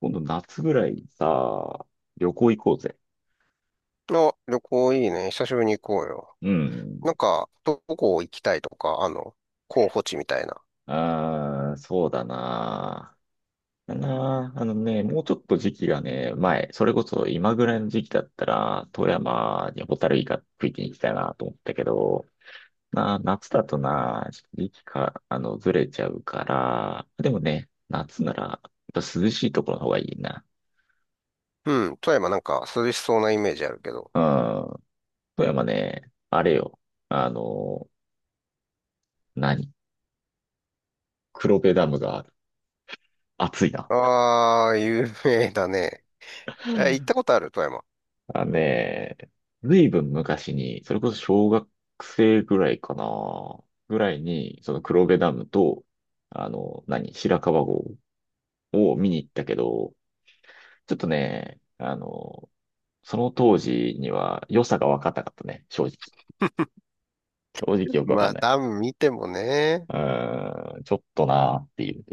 今度夏ぐらいにさ、旅行行こうぜ。あ、旅行いいね。久しぶりに行こうよ。うん。なんか、どこ行きたいとか、候補地みたいな。ああ、そうだな。だな。あのね、もうちょっと時期がね、前、それこそ今ぐらいの時期だったら、富山にホタルイカ食いに行きたいなと思ったけど、な、夏だとな、時期か、ずれちゃうから、でもね、夏なら、やっぱ涼しいところの方がいいな。うん、富山なんか涼しそうなイメージあるけど。うん。富山ね、あれよ。あの、何黒部ダムがある。暑いな。ああ、有名だね。え、行ったことある富山？あのね、ずいぶん昔に、それこそ小学生ぐらいかな、ぐらいに、その黒部ダムと、白川郷を見に行ったけど、ちょっとね、その当時には良さが分かったかったね、正直。正直よく分まかんあ、ない。ダム見てもね。ちょっとなーっていう。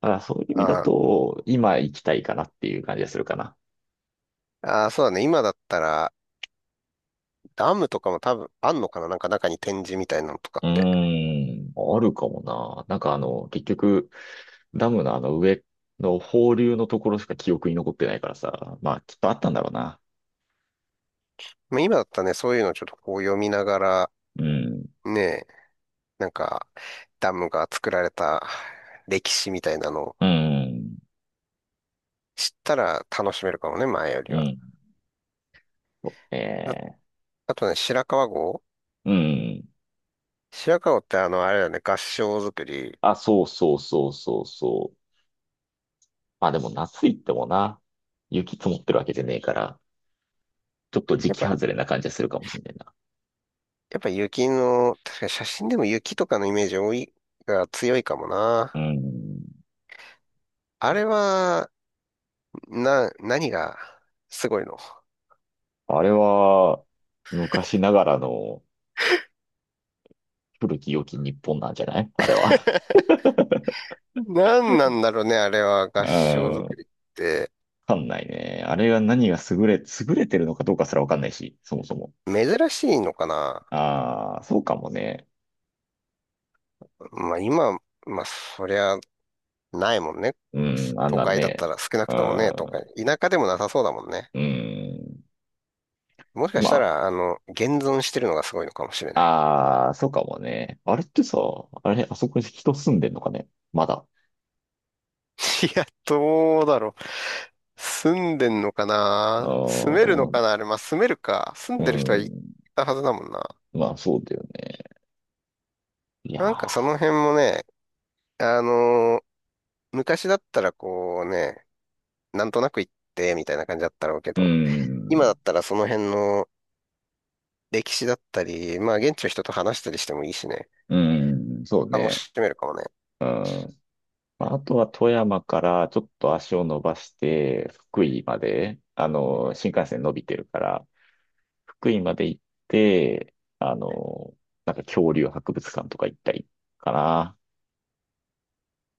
だからそういう意味だあと、今行きたいかなっていう感じがするかな。ああ、そうだね。今だったら、ダムとかも多分あんのかな。なんか中に展示みたいなのとかうーって。ん、あるかもな。なんか、結局、ダムのあの上の放流のところしか記憶に残ってないからさ。まあ、きっとあったんだろうな。まあ、今だったらね、そういうのちょっとこう読みながら、うん、ね、なんか、ダムが作られた歴史みたいなのをうん、知ったら楽しめるかもね、前ようりは。ん。そうあ、ね。あとね、白川郷うん。白川郷ってあれだね、合掌造り。あ、そうそうそうそうそう。まあでも夏行ってもな、雪積もってるわけじゃねえから、ちょっと時やっ期ぱ、外れな感じはするかもしんないな。やっぱ雪の、確かに写真でも雪とかのイメージ多い、が強いかもな。うん。あれは、何がすごいの。あれは、昔ながらの古き良き日本なんじゃないあれは。何なんだろうね、あれは合う掌造ん。りって。わかんないね。あれが何が優れ、優れてるのかどうかすらわかんないし、そもそも。珍しいのかな。ああ、そうかもね。まあ今、まあそりゃないもんね。うん、あん都なん会だったね。ら少なうくともね、都会。ん、田舎でもなさそうだもんね。うん。もしかしたまら、現存してるのがすごいのかもしれあ、ない。ああ、そうかもね。あれってさ、あれ、あそこに人住んでんのかねまだ。いや、どうだろう。住んでんのかな。住ああ、めるどうのなん、かなあれ、まあ、住めるか。住うんでる人はいん。たはずだもんな。まあ、そうだよね。いやなんかその辺ー、もね、あのー昔だったらこうね、なんとなく行ってみたいな感じだったろうけうど、今だん、ったらその辺の歴史だったり、まあ、現地の人と話したりしてもいいしね、うん、そう楽ね。しめるかもね。うん。まあ、あとは富山からちょっと足を伸ばして、福井まで、新幹線伸びてるから、福井まで行って、なんか恐竜博物館とか行ったりかな。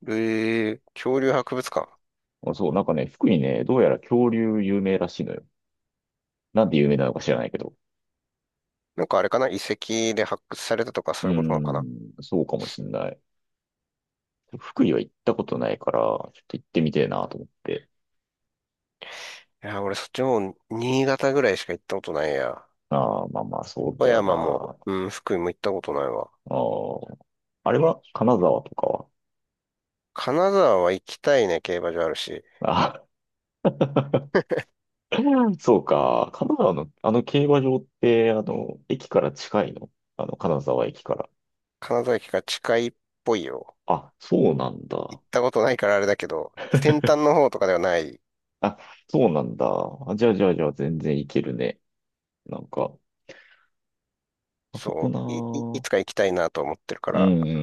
恐竜博物館。そう、なんかね、福井ね、どうやら恐竜有名らしいのよ。なんで有名なのか知らないけど。なんかあれかな、遺跡で発掘されたとかうそういうことなのかーな。ん、そうかもしんない。福井は行ったことないから、ちょっと行ってみてえなと思って。いや、俺そっちの方、新潟ぐらいしか行ったことないや。ああ、まあまあ、そう富だよ山も、な。うん、福井も行ったことないわ。ああ、あれは金沢とかは。金沢は行きたいね、競馬場あるし。あ そうか。金沢の、あの競馬場って、駅から近いのあの、金沢駅から。金沢駅が近いっぽいよ。あ、そうなん行だ。ったことないからあれだけど、先端の方とかではない。あ、そうなんだ。あ、じゃあじゃあじゃあ全然行けるね。なんか、あそこそなう、いぁ。つか行きたいなと思ってるかうんうら。んう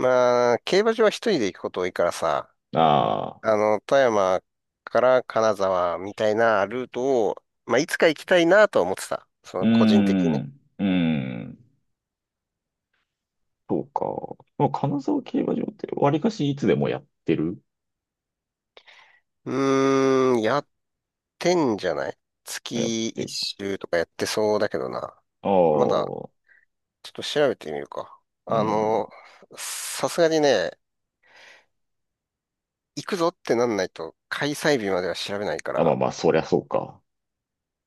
んあ、競馬場は一人で行くこと多いからさ、うん。ああ、富山から金沢みたいなルートを、まあ、いつか行きたいなとは思ってた。そうの個人的にね。ん、うん。そうか。まあ、金沢競馬場って割かしいつでもやってるうーん、宿10じゃない、やっ月て一る。周とかやってそうだけどな。あまだ、あ、ちょっと調べてみるか。うあん。の、さすがにね、行くぞってなんないと、開催日までは調べないかあ、まあら、まあ、そりゃそうか。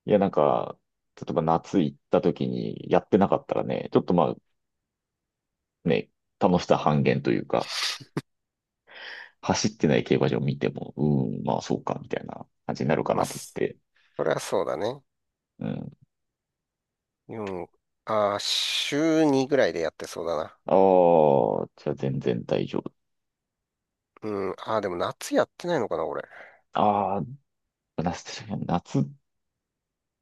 いや、なんか、例えば夏行った時にやってなかったらね、ちょっとまあね、楽しさ半減というか、走ってない競馬場見ても、うーん、まあそうか、みたいな感じになるかまあ、なと思っそて。れはそうだね。うん。よんあー、週2ぐらいでやってそうだな。ああ、じゃあ全然大丈夫。うん、でも夏やってないのかな、これ。ああ、夏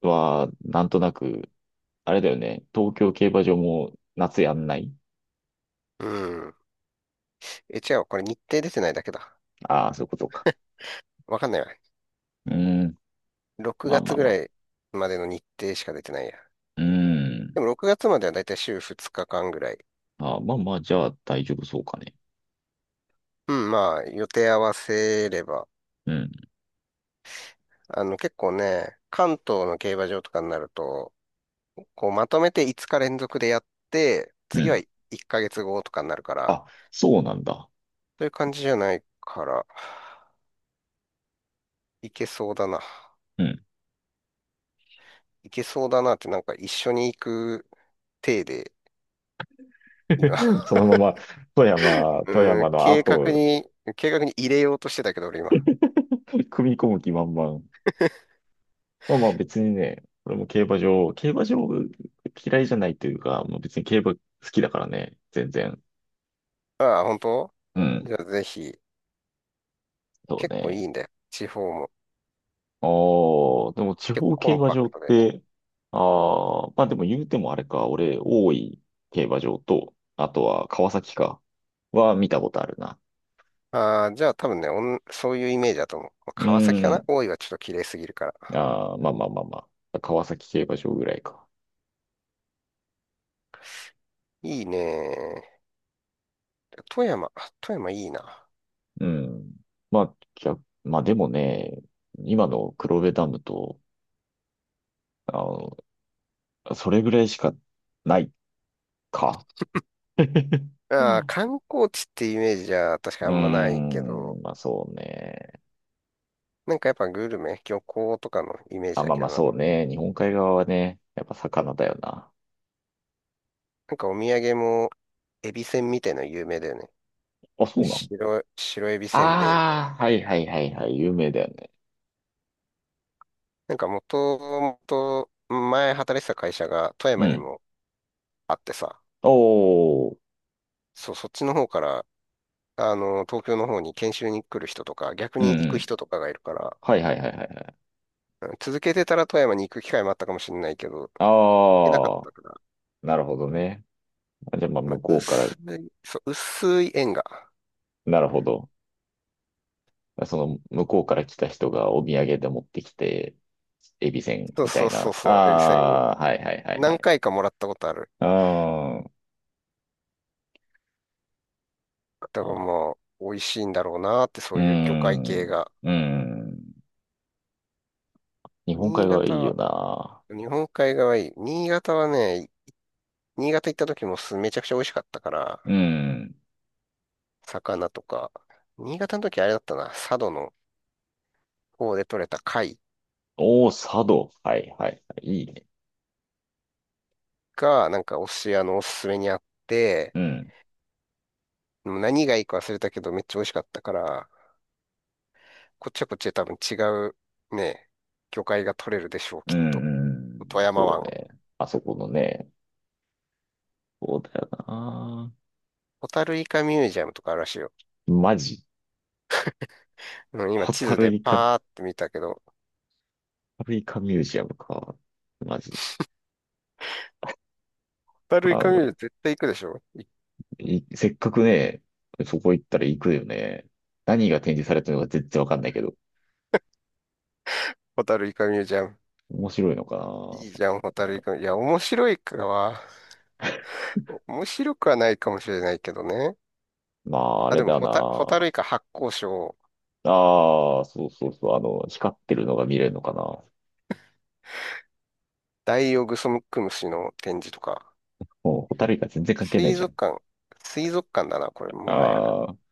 はなんとなく、あれだよね、東京競馬場も夏やんないうん。え、違う、これ日程出てないだけだ。ああー、そういうことか。わかんないわ。うーん、6まあま月あぐまらあ。いまでの日程しか出てないや。うーん。でも6月まではだいたい週2日間ぐらい。ああまあまあ、じゃあ大丈夫そうかね。うん、まあ、予定合わせれば。うん、結構ね、関東の競馬場とかになると、こう、まとめて5日連続でやって、う次はん。1ヶ月後とかになるから、あ、そうなんだ。そういう感じじゃないから、いけそうだな。うん。いけそうだなって、なんか一緒に行く体で、今。そ のまま、富山、富うーん、山の後を計画に入れようとしてたけど、俺今。組み込む気満々。まあ別にね、俺も競馬場嫌いじゃないというか、もう別に競馬好きだからね、全然。ああ、本当。うん、じゃあぜひ。そう結構いね。いんだよ。地方も。ああ、でも地結方構競コン馬パ場クっトでね。て、ああ、まあでも言うてもあれか、俺、大井競馬場と、あとは川崎か、は見たことあるな。ああ、じゃあ多分ね、そういうイメージだと思う。まあう川崎かな。ん、大井はちょっと綺麗すぎるから。ああ、まあまあまあまあ、川崎競馬場ぐらいか。いいね。富山。富山いいな。うん。まあ、逆、まあでもね、今の黒部ダムと、あの、それぐらいしかないか。うああ、ん。観光地ってイメージじゃ確かあうんまないーけど、ん、まあそうね。なんかやっぱグルメ、漁港とかのイメージあ、だまあけまあどな。そうね。日本海側はね、やっぱ魚だよな。なんかお土産も、エビせんみたいなの有名だよね。あ、そうなの白エビせんべいみたいな。ああー、はいはいはいはい、有名だよね。なんかもともと前働いてた会社が富う山にん。もあってさ、おー、そう、そっちの方から東京の方に研修に来る人とか、逆うんに行うくん。人とかがいるから、はいはいはいはいはい。うん、続けてたら富山に行く機会もあったかもしれないけど、行けなかっああ、たから、なるほどね。あじゃあまあまあ、向こうから、そう、薄い縁が。なるほど。その向こうから来た人がお土産で持ってきて、エビせんそうみたそういそな。うそう、エビせん、ああ、はいはいはいは何い。回かもらったことある。あだからあ、もう、美味しいんだろうなーって、そうーういう魚介ん、系が。うーん。日本海新側潟いいよは、な。日本海側いい。新潟はね、新潟行った時もすめちゃくちゃ美味しかったかうーら、ん。魚とか。新潟の時あれだったな、佐渡の方で採れた貝おー、佐渡。はいはいはい。いいね。が、なんかお寿司屋のおすすめにあって、うん、でも何がいいか忘れたけどめっちゃ美味しかったから、こっちはこっちで多分違うね、魚介が取れるでしょう、きうっん、と。富うん。山そう湾。ね。あそこのね。そうだよな。ホタルイカミュージアムとかあるらしいよ。マジ。うん、今ホ地タ図ルでイカ、ホパーって見たけど、タルイカミュージアムか。マジ。ホタあルイカミュージのアム絶対行くでしょい。いせっかくね、そこ行ったら行くよね。何が展示されてるのか全然わかんないけど。ホタルイカミュージアム。面白いのかいいな。じゃん、ホタルイカ。いや、面白いかは、面白くはないかもしれないけどね。まあ、ああ、れでもだホな。タルイカ発光ショー、ああ、そうそうそう。あの、光ってるのが見れるのかな。ダイオウグソクムシの展示とか。もう、ホタルイカ全然関係ない水じゃ族ん。館。水族館だな、これ、もはや。ああ。